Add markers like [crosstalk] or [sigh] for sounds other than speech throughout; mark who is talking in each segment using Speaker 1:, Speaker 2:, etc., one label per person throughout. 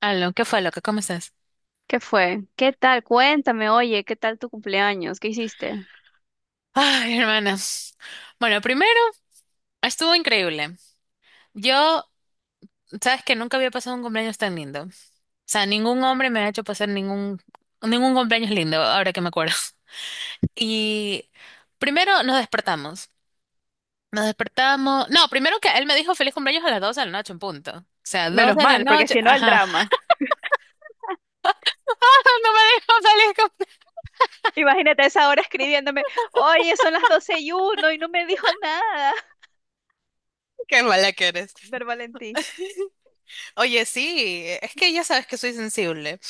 Speaker 1: Aló, ¿qué fue, loca? ¿Cómo estás?
Speaker 2: ¿Qué fue? ¿Qué tal? Cuéntame, oye, ¿qué tal tu cumpleaños? ¿Qué hiciste?
Speaker 1: Ay, hermana. Bueno, primero, estuvo increíble. Yo, sabes que nunca había pasado un cumpleaños tan lindo. O sea, ningún hombre me ha hecho pasar ningún cumpleaños lindo, ahora que me acuerdo. Y primero nos despertamos. Nos despertamos. No, primero que él me dijo feliz cumpleaños a las 12 de la noche, en punto. O sea, 2
Speaker 2: Menos
Speaker 1: de la
Speaker 2: mal, porque
Speaker 1: noche.
Speaker 2: si no, el
Speaker 1: Ajá.
Speaker 2: drama.
Speaker 1: [laughs] No me dijo feliz cumpleaños.
Speaker 2: Imagínate a esa hora escribiéndome, oye, son las 12:01 y no me dijo nada. [laughs]
Speaker 1: Qué mala que eres.
Speaker 2: Ver Valentín.
Speaker 1: Oye, sí, es que ya sabes que soy sensible.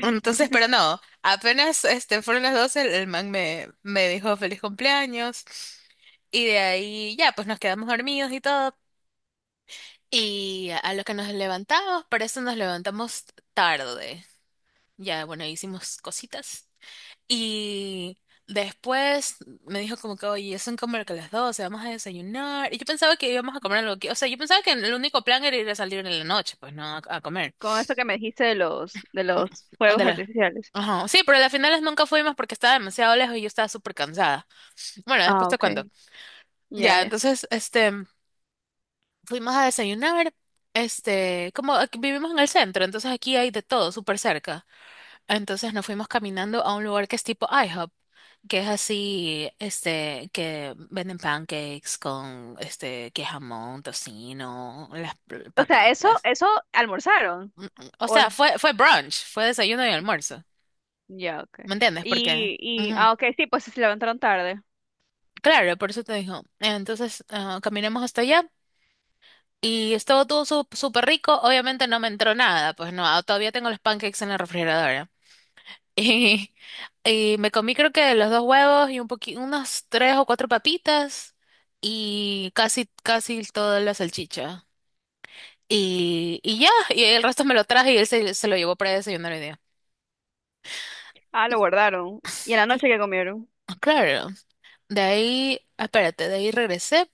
Speaker 1: Entonces, pero no, apenas fueron las 12 el man me dijo feliz cumpleaños y de ahí ya, pues nos quedamos dormidos y todo. Y a lo que nos levantamos, para eso nos levantamos tarde. Ya, bueno, hicimos cositas. Y después me dijo como que, oye, son como que las 12, vamos a desayunar. Y yo pensaba que íbamos a comer algo que, o sea, yo pensaba que el único plan era ir a salir en la noche, pues no, a comer.
Speaker 2: Con esto que me dijiste de los fuegos
Speaker 1: Ándale.
Speaker 2: artificiales.
Speaker 1: Ajá. Sí, pero a las finales nunca fuimos porque estaba demasiado lejos y yo estaba súper cansada. Bueno, después
Speaker 2: Ah,
Speaker 1: te
Speaker 2: ok.
Speaker 1: cuento.
Speaker 2: Ya,
Speaker 1: Ya,
Speaker 2: ya.
Speaker 1: entonces, fuimos a desayunar. Como aquí vivimos en el centro, entonces aquí hay de todo súper cerca. Entonces nos fuimos caminando a un lugar que es tipo IHOP, que es así, que venden pancakes con, que jamón, tocino,
Speaker 2: O sea, eso,
Speaker 1: papitas.
Speaker 2: eso almorzaron.
Speaker 1: Mm, mm. O
Speaker 2: O,
Speaker 1: sea, fue brunch, fue desayuno y almuerzo.
Speaker 2: Ya, ok.
Speaker 1: ¿Me entiendes? Porque...
Speaker 2: Y, y,
Speaker 1: ¿qué?
Speaker 2: ah, ok, sí, pues se levantaron tarde.
Speaker 1: Claro, por eso te digo. Entonces, caminamos hasta allá y estuvo todo súper rico. Obviamente no me entró nada, pues no, todavía tengo los pancakes en la refrigeradora. [laughs] Y, y me comí creo que los dos huevos y unas tres o cuatro papitas y casi, casi toda la salchicha. Y ya, y el resto me lo traje y él se lo llevó para desayunar hoy día.
Speaker 2: Ah, lo guardaron. ¿Y en la
Speaker 1: Cl-
Speaker 2: noche qué comieron?
Speaker 1: Claro, de ahí, espérate, de ahí regresé.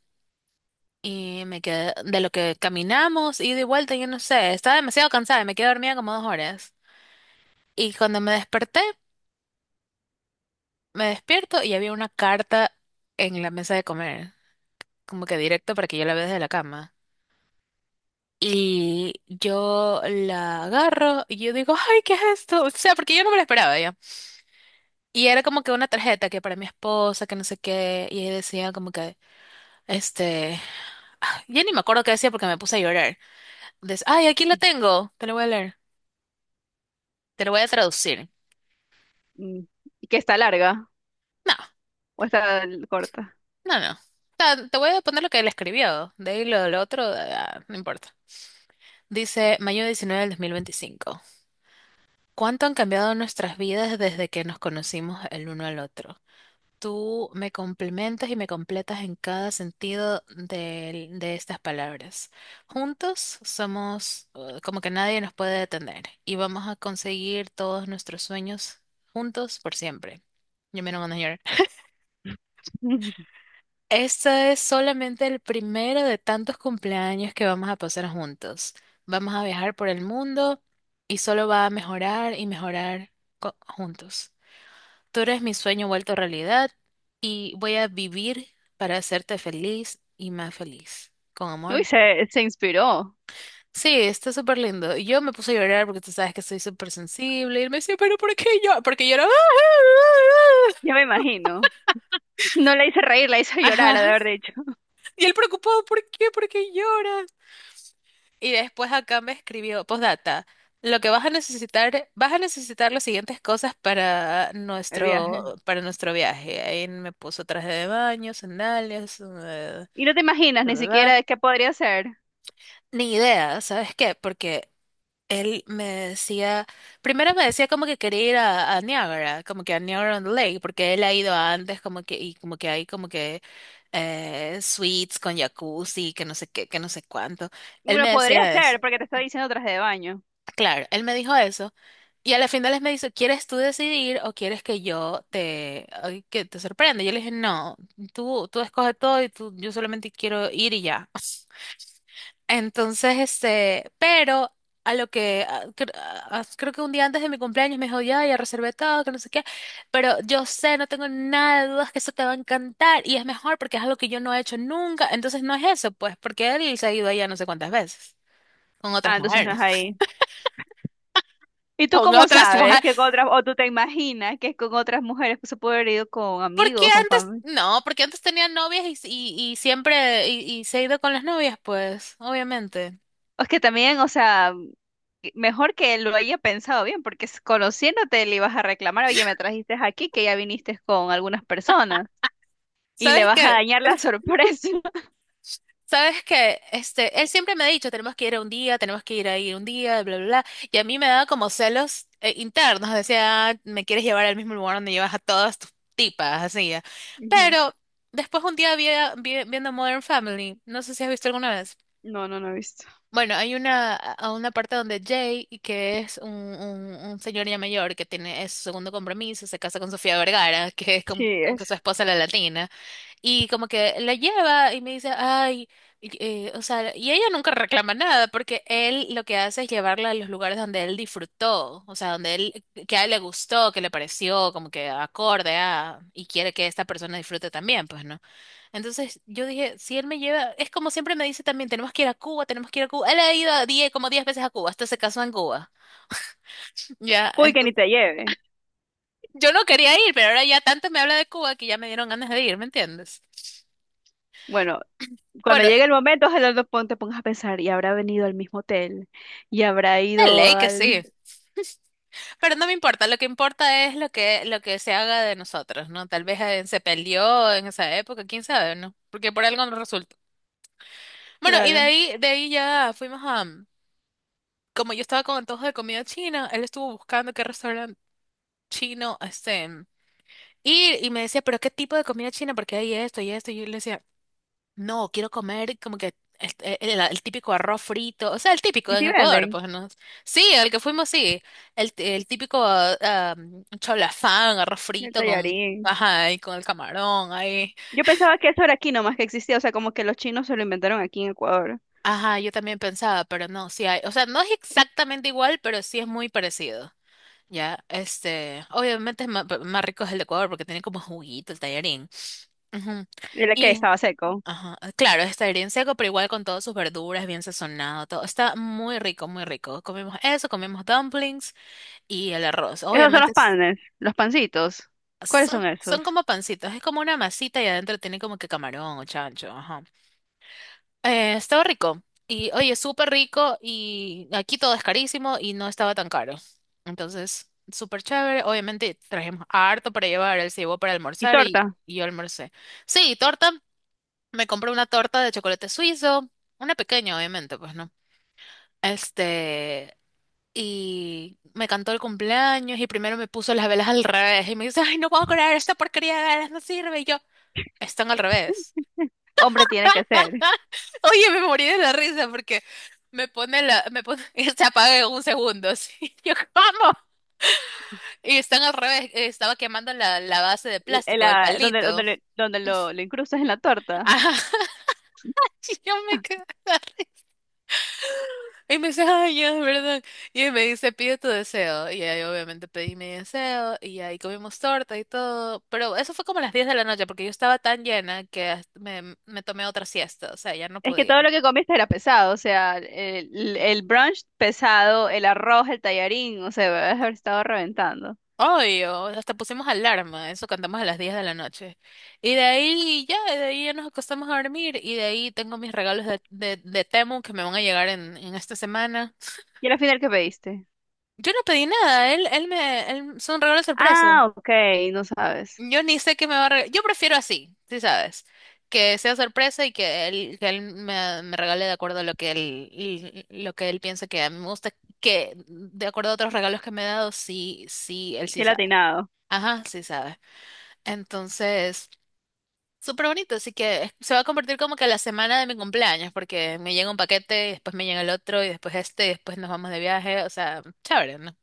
Speaker 1: Y me quedé, de lo que caminamos, ida y de vuelta, yo no sé, estaba demasiado cansada, y me quedé dormida como 2 horas. Y cuando me desperté, me despierto y había una carta en la mesa de comer, como que directo para que yo la vea desde la cama. Y yo la agarro y yo digo, ay, ¿qué es esto? O sea, porque yo no me la esperaba ya. Y era como que una tarjeta que para mi esposa, que no sé qué, y ahí decía como que, este, [sighs] ya ni me acuerdo qué decía porque me puse a llorar. Entonces, ay, aquí la tengo, te lo voy a leer, te lo voy a traducir.
Speaker 2: Mm, Que está larga
Speaker 1: No,
Speaker 2: o está corta.
Speaker 1: no, no. Te voy a poner lo que él escribió. De ahí lo otro, no importa. Dice mayo 19 del 2025. ¿Cuánto han cambiado nuestras vidas desde que nos conocimos el uno al otro? Tú me complementas y me completas en cada sentido de, estas palabras. Juntos somos como que nadie nos puede detener y vamos a conseguir todos nuestros sueños juntos por siempre. Yo me lo mando.
Speaker 2: [laughs]
Speaker 1: Este es solamente el primero de tantos cumpleaños que vamos a pasar juntos. Vamos a viajar por el mundo y solo va a mejorar y mejorar juntos. Tú eres mi sueño vuelto realidad y voy a vivir para hacerte feliz y más feliz. Con
Speaker 2: Uy,
Speaker 1: amor.
Speaker 2: se inspiró.
Speaker 1: Sí, está súper lindo. Y yo me puse a llorar porque tú sabes que soy súper sensible. Y él me decía, ¿pero por qué yo? Porque llora.
Speaker 2: Ya
Speaker 1: [laughs]
Speaker 2: me imagino. No la hice reír, la hice llorar, ha de
Speaker 1: Ajá.
Speaker 2: haber dicho,
Speaker 1: Y él preocupado, ¿por qué? ¿Por qué llora? Y después acá me escribió, postdata, lo que vas a necesitar las siguientes cosas para
Speaker 2: el
Speaker 1: nuestro,
Speaker 2: viaje.
Speaker 1: para nuestro viaje. Ahí me puso traje de baño, sandalias,
Speaker 2: Y no te imaginas
Speaker 1: bla,
Speaker 2: ni
Speaker 1: bla,
Speaker 2: siquiera
Speaker 1: bla.
Speaker 2: de qué podría ser.
Speaker 1: Ni idea, ¿sabes qué? Porque él me decía, primero me decía como que quería ir a Niagara, como que a Niagara on the Lake, porque él ha ido antes, como que, y como que hay como que suites con jacuzzi, que no sé qué, que no sé cuánto. Él
Speaker 2: Bueno,
Speaker 1: me
Speaker 2: podría
Speaker 1: decía eso.
Speaker 2: ser, porque te está diciendo traje de baño.
Speaker 1: Claro, él me dijo eso. Y a la final él me dice, ¿quieres tú decidir o quieres que yo te, ay, que te sorprenda? Yo le dije, no, tú escoges todo y tú, yo solamente quiero ir y ya. Entonces, pero a lo que, creo que un día antes de mi cumpleaños me dijo, ya, ya reservé todo, que no sé qué, pero yo sé, no tengo nada de dudas que eso te va a encantar y es mejor porque es algo que yo no he hecho nunca. Entonces no es eso, pues, porque él se ha ido allá no sé cuántas veces, con
Speaker 2: Ah,
Speaker 1: otras
Speaker 2: entonces no es
Speaker 1: mujeres.
Speaker 2: ahí. ¿Y tú
Speaker 1: Con
Speaker 2: cómo
Speaker 1: otras
Speaker 2: sabes que
Speaker 1: mujeres.
Speaker 2: con otras, o tú te imaginas que es con otras mujeres que se puede haber ido con
Speaker 1: Porque
Speaker 2: amigos, con
Speaker 1: antes,
Speaker 2: familia?
Speaker 1: no, porque antes tenía novias y siempre, y se ha ido con las novias, pues, obviamente.
Speaker 2: Es que también, o sea, mejor que lo haya pensado bien, porque conociéndote le ibas a reclamar, oye, me trajiste aquí, que ya viniste con algunas personas, y le
Speaker 1: ¿Sabes
Speaker 2: vas a
Speaker 1: qué?
Speaker 2: dañar la
Speaker 1: [laughs]
Speaker 2: sorpresa.
Speaker 1: ¿Sabes que él siempre me ha dicho, tenemos que ir a un día, tenemos que ir ahí un día, bla, bla, bla? Y a mí me daba como celos internos. Decía, "Ah, me quieres llevar al mismo lugar donde llevas a todas tus tipas, así. Ya".
Speaker 2: [laughs] Ujú.
Speaker 1: Pero después un día viendo Modern Family, no sé si has visto alguna vez.
Speaker 2: No, no, no he visto.
Speaker 1: Bueno, hay una, a una parte donde Jay, y que es un señor ya mayor que tiene es su segundo compromiso, se casa con Sofía Vergara, que es como,
Speaker 2: Sí,
Speaker 1: como que su
Speaker 2: es.
Speaker 1: esposa la latina, y como que la lleva y me dice, ay, o sea, y ella nunca reclama nada, porque él lo que hace es llevarla a los lugares donde él disfrutó, o sea, donde él, que a él le gustó, que le pareció como que acorde a, y quiere que esta persona disfrute también, pues, ¿no? Entonces yo dije, si él me lleva, es como siempre me dice también, tenemos que ir a Cuba, tenemos que ir a Cuba. Él ha ido a 10, como 10 veces a Cuba, hasta se casó en Cuba. Ya,
Speaker 2: Uy, que ni
Speaker 1: entonces
Speaker 2: te lleve.
Speaker 1: yo no quería ir, pero ahora ya tanto me habla de Cuba que ya me dieron ganas de ir, ¿me entiendes?
Speaker 2: Bueno, cuando
Speaker 1: Bueno,
Speaker 2: llegue el momento, ojalá no te pongas a pensar, y habrá venido al mismo hotel, y habrá
Speaker 1: de
Speaker 2: ido
Speaker 1: ley que sí,
Speaker 2: al...
Speaker 1: pero no me importa, lo que importa es lo que se haga de nosotros, ¿no? Tal vez se peleó en esa época, quién sabe, ¿no? Porque por algo no resulta.
Speaker 2: [laughs]
Speaker 1: Bueno, y
Speaker 2: Claro.
Speaker 1: de ahí ya fuimos a, como yo estaba con antojo de comida china, él estuvo buscando qué restaurante chino, este. Y me decía, pero ¿qué tipo de comida china? Porque hay esto y esto. Y yo le decía, no, quiero comer como que el típico arroz frito, o sea, el típico
Speaker 2: ¿Y
Speaker 1: en
Speaker 2: si
Speaker 1: Ecuador,
Speaker 2: venden
Speaker 1: pues no. Sí, al que fuimos, sí. El típico cholafán, arroz
Speaker 2: el
Speaker 1: frito con,
Speaker 2: tallarín?
Speaker 1: ajá, y con el camarón, ahí.
Speaker 2: Yo pensaba que eso era aquí nomás que existía, o sea, como que los chinos se lo inventaron aquí en Ecuador.
Speaker 1: Ajá, yo también pensaba, pero no, sí hay. O sea, no es exactamente igual, pero sí es muy parecido. Ya, obviamente es más, rico es el de Ecuador porque tiene como juguito el tallarín. Ujú.
Speaker 2: ¿El que estaba seco?
Speaker 1: Ajá, ah, claro, está bien seco, pero igual con todas sus verduras, bien sazonado, todo. Está muy rico, muy rico. Comemos eso, comemos dumplings y el arroz.
Speaker 2: Esos son
Speaker 1: Obviamente
Speaker 2: los panes, los pancitos. ¿Cuáles
Speaker 1: son,
Speaker 2: son
Speaker 1: son
Speaker 2: esos?
Speaker 1: como pancitos, es como una masita y adentro tiene como que camarón o chancho. Ajá. Estaba rico. Y oye, súper rico y aquí todo es carísimo y no estaba tan caro. Entonces, súper chévere. Obviamente trajimos harto para llevar, él se llevó para
Speaker 2: ¿Y
Speaker 1: almorzar y,
Speaker 2: torta?
Speaker 1: y yo almorcé. Sí, torta. Me compré una torta de chocolate suizo, una pequeña, obviamente, pues no. Este, y me cantó el cumpleaños y primero me puso las velas al revés y me dice, ay, no puedo creer, esta porquería de velas no sirve. Y yo, están al revés.
Speaker 2: Hombre, tiene que ser.
Speaker 1: [laughs] Oye, me morí de la risa porque me pone la, me pone, [laughs] y se apaga en 1 segundo. Así. [laughs] Yo, ¿cómo? Y están al revés, estaba quemando la base de
Speaker 2: L- eh,
Speaker 1: plástico del
Speaker 2: la- donde donde,
Speaker 1: palito.
Speaker 2: le- donde lo, lo incrustas en la
Speaker 1: [laughs]
Speaker 2: torta.
Speaker 1: Ajá, y yo me quedé. Y me dice, ay, ya, ¿verdad? Y me dice, pide tu deseo. Y ahí obviamente pedí mi deseo y ahí comimos torta y todo. Pero eso fue como a las 10 de la noche porque yo estaba tan llena que hasta me tomé otra siesta. O sea, ya no
Speaker 2: Es que todo
Speaker 1: podía.
Speaker 2: lo que comiste era pesado, o sea, el brunch pesado, el arroz, el tallarín, o sea, debes haber estado reventando.
Speaker 1: Obvio, hasta pusimos alarma. Eso cantamos a las 10 de la noche. Y de ahí ya nos acostamos a dormir. Y de ahí tengo mis regalos de Temu que me van a llegar en esta semana.
Speaker 2: ¿Y al final qué pediste?
Speaker 1: Yo no pedí nada. Son regalos sorpresa.
Speaker 2: Ah, ok, no sabes.
Speaker 1: Yo ni sé qué me va a regalar. Yo prefiero así, sí sabes. Que sea sorpresa y que él, me regale de acuerdo a lo que él, y lo que él piensa que a mí me gusta. Que de acuerdo a otros regalos que me ha dado, sí, sí, él sí
Speaker 2: Qué
Speaker 1: sabe.
Speaker 2: latinado.
Speaker 1: Ajá, sí sabe. Entonces, súper bonito. Así que se va a convertir como que la semana de mi cumpleaños, porque me llega un paquete, y después me llega el otro, y después y después nos vamos de viaje. O sea, chévere, ¿no?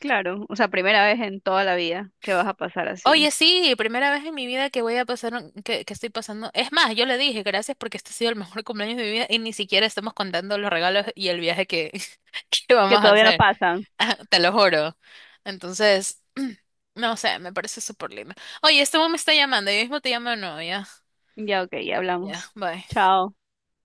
Speaker 2: Claro, o sea, primera vez en toda la vida que vas a pasar así.
Speaker 1: Oye, sí, primera vez en mi vida que voy a pasar, que estoy pasando. Es más, yo le dije gracias porque este ha sido el mejor [laughs] cumpleaños de mi vida y ni siquiera estamos contando los regalos y el viaje que, [laughs] que
Speaker 2: Que
Speaker 1: vamos a
Speaker 2: todavía no
Speaker 1: hacer.
Speaker 2: pasan.
Speaker 1: [laughs] Te lo juro. Entonces, [clears throat] no sé, me parece súper lindo. Oye, este hombre me está llamando, yo mismo te llamo de nuevo, ya.
Speaker 2: Ya, ok, ya
Speaker 1: Ya,
Speaker 2: hablamos.
Speaker 1: bye.
Speaker 2: Chao.